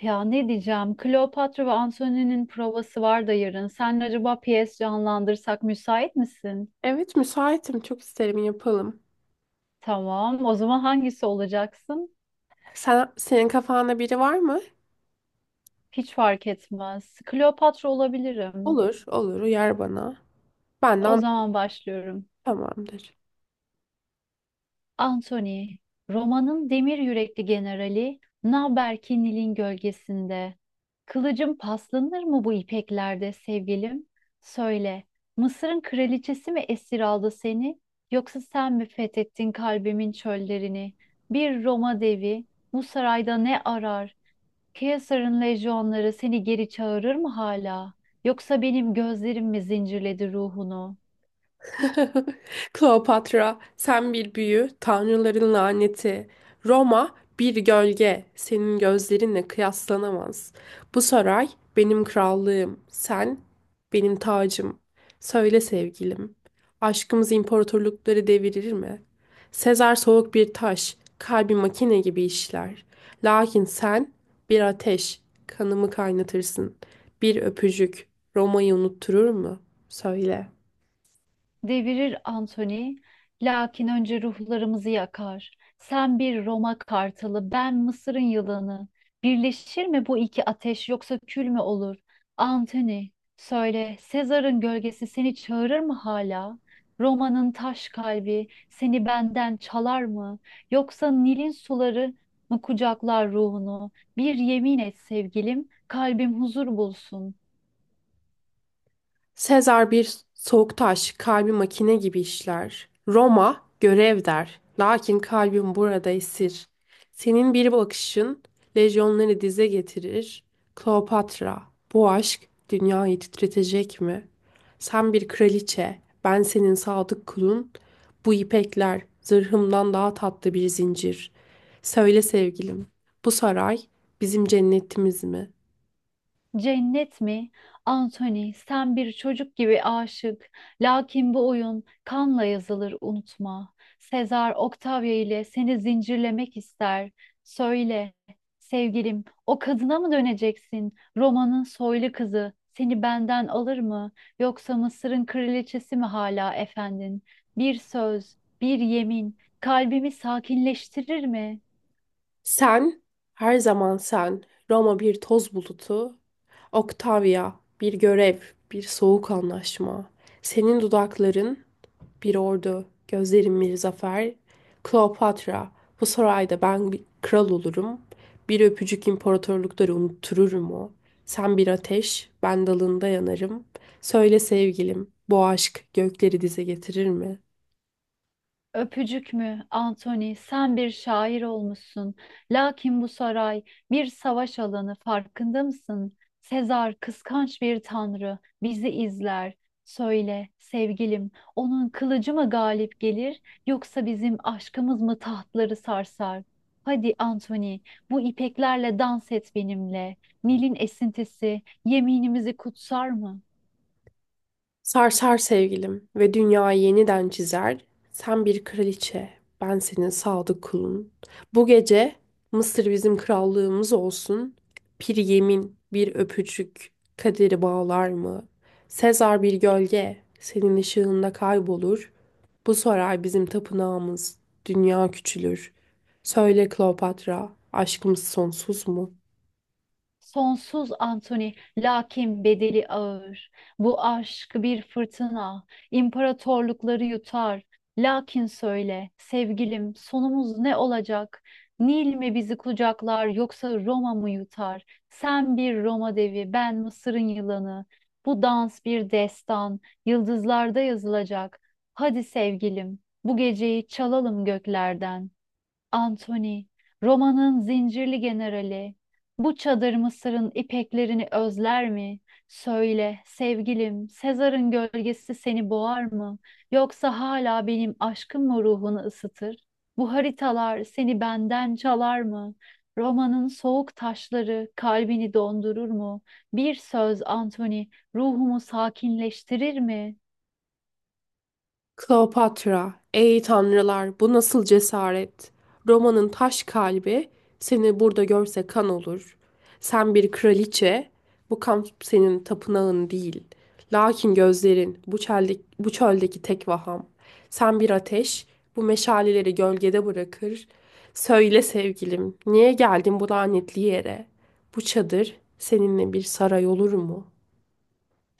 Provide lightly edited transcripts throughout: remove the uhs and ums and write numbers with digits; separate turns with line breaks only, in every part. Ya ne diyeceğim? Kleopatra ve Antony'nin provası var da yarın. Sen acaba piyes canlandırsak müsait misin?
Evet, müsaitim. Çok isterim yapalım.
Tamam. O zaman hangisi olacaksın?
Sen, senin kafanda biri var mı?
Hiç fark etmez. Kleopatra olabilirim.
Olur, olur. Uyar bana.
O
Benden
zaman başlıyorum.
tamamdır.
Anthony, romanın demir yürekli generali, naber ki Nil'in gölgesinde? Kılıcım paslanır mı bu ipeklerde sevgilim? Söyle, Mısır'ın kraliçesi mi esir aldı seni, yoksa sen mi fethettin kalbimin çöllerini? Bir Roma devi bu sarayda ne arar? Kaysar'ın lejyonları seni geri çağırır mı hala? Yoksa benim gözlerim mi zincirledi ruhunu?
Kleopatra, sen bir büyü, tanrıların laneti. Roma, bir gölge, senin gözlerinle kıyaslanamaz. Bu saray benim krallığım, sen benim tacım. Söyle sevgilim, aşkımız imparatorlukları devirir mi? Sezar soğuk bir taş, kalbi makine gibi işler. Lakin sen bir ateş, kanımı kaynatırsın. Bir öpücük, Roma'yı unutturur mu? Söyle.
Devirir Anthony, lakin önce ruhlarımızı yakar. Sen bir Roma kartalı, ben Mısır'ın yılanı. Birleşir mi bu iki ateş yoksa kül mü olur? Anthony, söyle, Sezar'ın gölgesi seni çağırır mı hala? Roma'nın taş kalbi seni benden çalar mı? Yoksa Nil'in suları mı kucaklar ruhunu? Bir yemin et sevgilim, kalbim huzur bulsun.
Sezar bir soğuk taş, kalbi makine gibi işler. Roma görev der, lakin kalbim burada esir. Senin bir bakışın lejyonları dize getirir. Kleopatra, bu aşk dünyayı titretecek mi? Sen bir kraliçe, ben senin sadık kulun. Bu ipekler zırhımdan daha tatlı bir zincir. Söyle sevgilim, bu saray bizim cennetimiz mi?
Cennet mi? Anthony, sen bir çocuk gibi aşık. Lakin bu oyun kanla yazılır, unutma. Sezar Octavia ile seni zincirlemek ister. Söyle, sevgilim, o kadına mı döneceksin? Roma'nın soylu kızı seni benden alır mı? Yoksa Mısır'ın kraliçesi mi hala efendin? Bir söz, bir yemin kalbimi sakinleştirir mi?
Sen, her zaman sen, Roma bir toz bulutu, Octavia bir görev, bir soğuk anlaşma, senin dudakların bir ordu, gözlerin bir zafer, Kleopatra, bu sarayda ben bir kral olurum, bir öpücük imparatorlukları unuttururum o, sen bir ateş, ben dalında yanarım, söyle sevgilim, bu aşk gökleri dize getirir mi?
Öpücük mü, Anthony, sen bir şair olmuşsun. Lakin bu saray bir savaş alanı, farkında mısın? Sezar kıskanç bir tanrı, bizi izler. Söyle sevgilim, onun kılıcı mı galip gelir, yoksa bizim aşkımız mı tahtları sarsar? Hadi Anthony, bu ipeklerle dans et benimle. Nil'in esintisi yeminimizi kutsar mı?
Sarsar sevgilim ve dünyayı yeniden çizer. Sen bir kraliçe, ben senin sadık kulun. Bu gece Mısır bizim krallığımız olsun. Bir yemin, bir öpücük kaderi bağlar mı? Sezar bir gölge, senin ışığında kaybolur. Bu saray bizim tapınağımız, dünya küçülür. Söyle Kleopatra, aşkımız sonsuz mu?
Sonsuz Antoni, lakin bedeli ağır. Bu aşk bir fırtına, imparatorlukları yutar. Lakin söyle, sevgilim, sonumuz ne olacak? Nil mi bizi kucaklar, yoksa Roma mı yutar? Sen bir Roma devi, ben Mısır'ın yılanı. Bu dans bir destan, yıldızlarda yazılacak. Hadi sevgilim, bu geceyi çalalım göklerden. Antony, Roma'nın zincirli generali, bu çadır Mısır'ın ipeklerini özler mi? Söyle sevgilim, Sezar'ın gölgesi seni boğar mı? Yoksa hala benim aşkım mı ruhunu ısıtır? Bu haritalar seni benden çalar mı? Roma'nın soğuk taşları kalbini dondurur mu? Bir söz Antony, ruhumu sakinleştirir mi?
Kleopatra, ey tanrılar, bu nasıl cesaret? Roma'nın taş kalbi seni burada görse kan olur. Sen bir kraliçe, bu kamp senin tapınağın değil. Lakin gözlerin bu çöldeki tek vaham. Sen bir ateş, bu meşaleleri gölgede bırakır. Söyle sevgilim, niye geldin bu lanetli yere? Bu çadır seninle bir saray olur mu?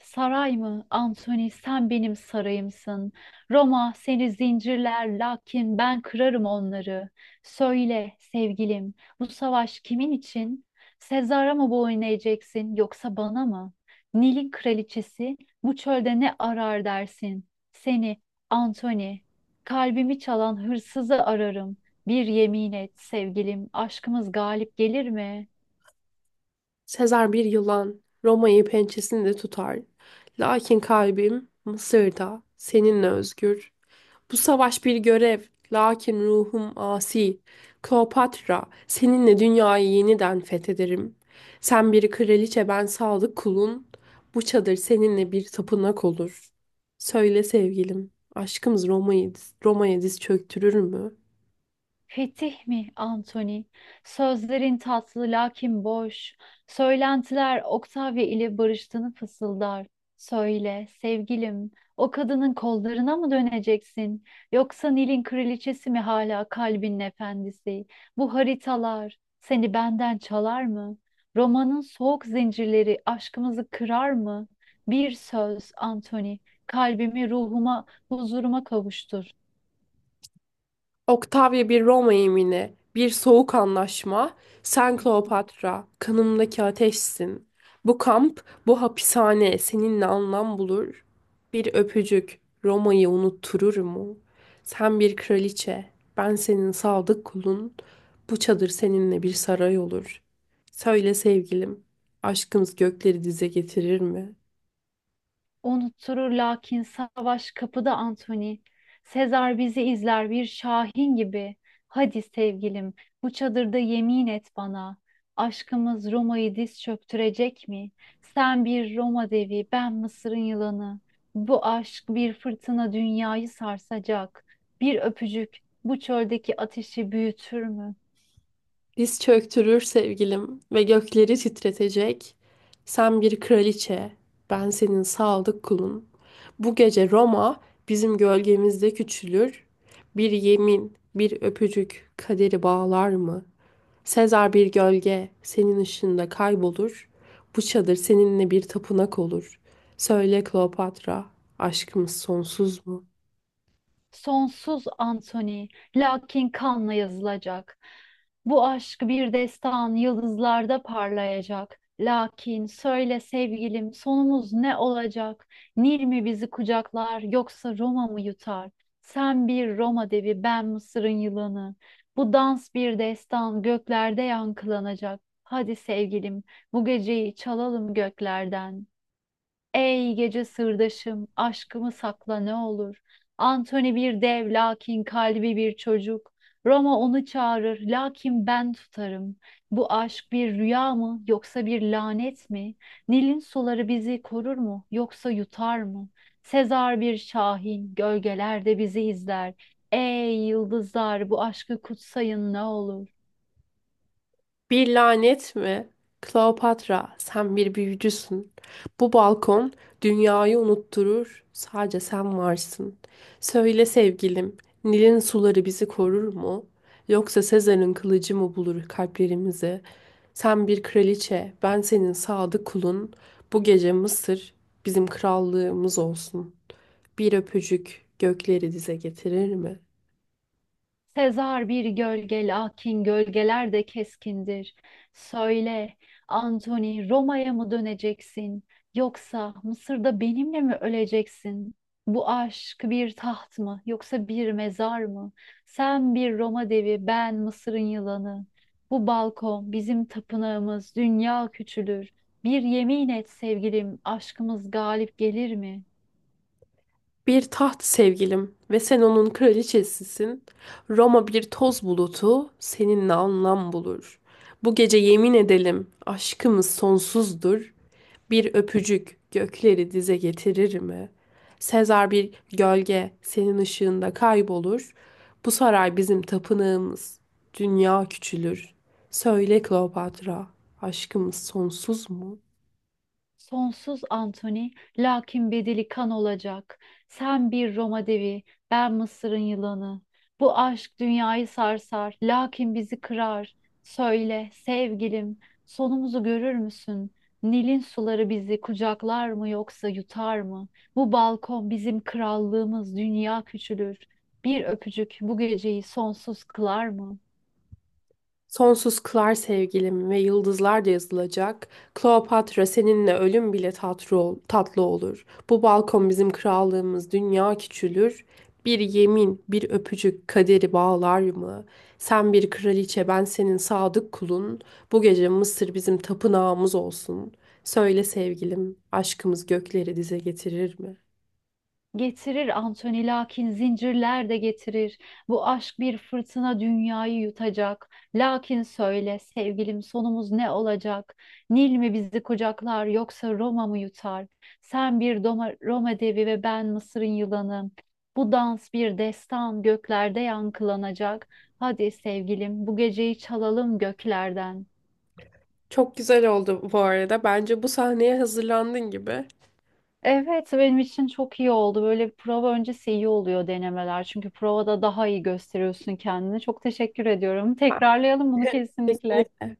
Saray mı? Antoni sen benim sarayımsın. Roma seni zincirler, lakin ben kırarım onları. Söyle sevgilim, bu savaş kimin için? Sezar'a mı boyun eğeceksin yoksa bana mı? Nil'in kraliçesi bu çölde ne arar dersin? Seni Antoni, kalbimi çalan hırsızı ararım. Bir yemin et sevgilim, aşkımız galip gelir mi?
Sezar bir yılan, Roma'yı pençesinde tutar. Lakin kalbim Mısır'da, seninle özgür. Bu savaş bir görev, lakin ruhum asi. Kleopatra, seninle dünyayı yeniden fethederim. Sen bir kraliçe, ben sadık kulun. Bu çadır seninle bir tapınak olur. Söyle sevgilim, aşkımız Roma'ya diz çöktürür mü?
Fetih mi Antoni? Sözlerin tatlı lakin boş. Söylentiler Octavia ile barıştığını fısıldar. Söyle sevgilim, o kadının kollarına mı döneceksin? Yoksa Nil'in kraliçesi mi hala kalbinin efendisi? Bu haritalar seni benden çalar mı? Romanın soğuk zincirleri aşkımızı kırar mı? Bir söz Antoni, kalbimi ruhuma, huzuruma kavuştur.
Octavia bir Roma yemini, bir soğuk anlaşma, sen Kleopatra, kanımdaki ateşsin. Bu kamp, bu hapishane seninle anlam bulur. Bir öpücük Roma'yı unutturur mu? Sen bir kraliçe, ben senin sadık kulun. Bu çadır seninle bir saray olur. Söyle sevgilim, aşkımız gökleri dize getirir mi?
Unutturur, lakin savaş kapıda Anthony. Sezar bizi izler bir şahin gibi. Hadi sevgilim, bu çadırda yemin et bana. Aşkımız Roma'yı diz çöktürecek mi? Sen bir Roma devi, ben Mısır'ın yılanı. Bu aşk bir fırtına, dünyayı sarsacak. Bir öpücük bu çöldeki ateşi büyütür mü?
Diz çöktürür sevgilim ve gökleri titretecek. Sen bir kraliçe, ben senin sadık kulun. Bu gece Roma bizim gölgemizde küçülür. Bir yemin, bir öpücük kaderi bağlar mı? Sezar bir gölge senin ışığında kaybolur. Bu çadır seninle bir tapınak olur. Söyle Kleopatra, aşkımız sonsuz mu?
Sonsuz Anthony, lakin kanla yazılacak. Bu aşk bir destan, yıldızlarda parlayacak. Lakin söyle sevgilim, sonumuz ne olacak? Nil mi bizi kucaklar yoksa Roma mı yutar? Sen bir Roma devi, ben Mısır'ın yılanı. Bu dans bir destan, göklerde yankılanacak. Hadi sevgilim, bu geceyi çalalım göklerden. Ey gece sırdaşım, aşkımı sakla ne olur. Antoni bir dev, lakin kalbi bir çocuk. Roma onu çağırır, lakin ben tutarım. Bu aşk bir rüya mı, yoksa bir lanet mi? Nil'in suları bizi korur mu, yoksa yutar mı? Sezar bir şahin, gölgelerde bizi izler. Ey yıldızlar, bu aşkı kutsayın ne olur.
Bir lanet mi? Kleopatra, sen bir büyücüsün. Bu balkon dünyayı unutturur. Sadece sen varsın. Söyle sevgilim, Nil'in suları bizi korur mu? Yoksa Sezar'ın kılıcı mı bulur kalplerimizi? Sen bir kraliçe, ben senin sadık kulun. Bu gece Mısır bizim krallığımız olsun. Bir öpücük gökleri dize getirir mi?
Sezar bir gölge, lakin gölgeler de keskindir. Söyle, Antoni, Roma'ya mı döneceksin yoksa Mısır'da benimle mi öleceksin? Bu aşk bir taht mı, yoksa bir mezar mı? Sen bir Roma devi, ben Mısır'ın yılanı. Bu balkon bizim tapınağımız, dünya küçülür. Bir yemin et sevgilim, aşkımız galip gelir mi?
Bir taht sevgilim ve sen onun kraliçesisin. Roma bir toz bulutu seninle anlam bulur. Bu gece yemin edelim aşkımız sonsuzdur. Bir öpücük gökleri dize getirir mi? Sezar bir gölge senin ışığında kaybolur. Bu saray bizim tapınağımız. Dünya küçülür. Söyle Kleopatra, aşkımız sonsuz mu?
Sonsuz Antoni, lakin bedeli kan olacak. Sen bir Roma devi, ben Mısır'ın yılanı. Bu aşk dünyayı sarsar, lakin bizi kırar. Söyle sevgilim, sonumuzu görür müsün? Nil'in suları bizi kucaklar mı yoksa yutar mı? Bu balkon bizim krallığımız, dünya küçülür. Bir öpücük bu geceyi sonsuz kılar mı?
Sonsuz kılar sevgilim ve yıldızlar da yazılacak. Kleopatra seninle ölüm bile tatlı olur. Bu balkon bizim krallığımız, dünya küçülür. Bir yemin, bir öpücük kaderi bağlar mı? Sen bir kraliçe, ben senin sadık kulun. Bu gece Mısır bizim tapınağımız olsun. Söyle sevgilim, aşkımız gökleri dize getirir mi?
Getirir Anthony, lakin zincirler de getirir. Bu aşk bir fırtına, dünyayı yutacak. Lakin söyle sevgilim, sonumuz ne olacak? Nil mi bizi kucaklar yoksa Roma mı yutar? Sen bir Roma devi ve ben Mısır'ın yılanı. Bu dans bir destan, göklerde yankılanacak. Hadi sevgilim, bu geceyi çalalım göklerden.
Çok güzel oldu bu arada. Bence bu sahneye hazırlandın gibi.
Evet, benim için çok iyi oldu. Böyle bir prova öncesi iyi oluyor denemeler. Çünkü provada daha iyi gösteriyorsun kendini. Çok teşekkür ediyorum. Tekrarlayalım bunu kesinlikle.
Kesinlikle.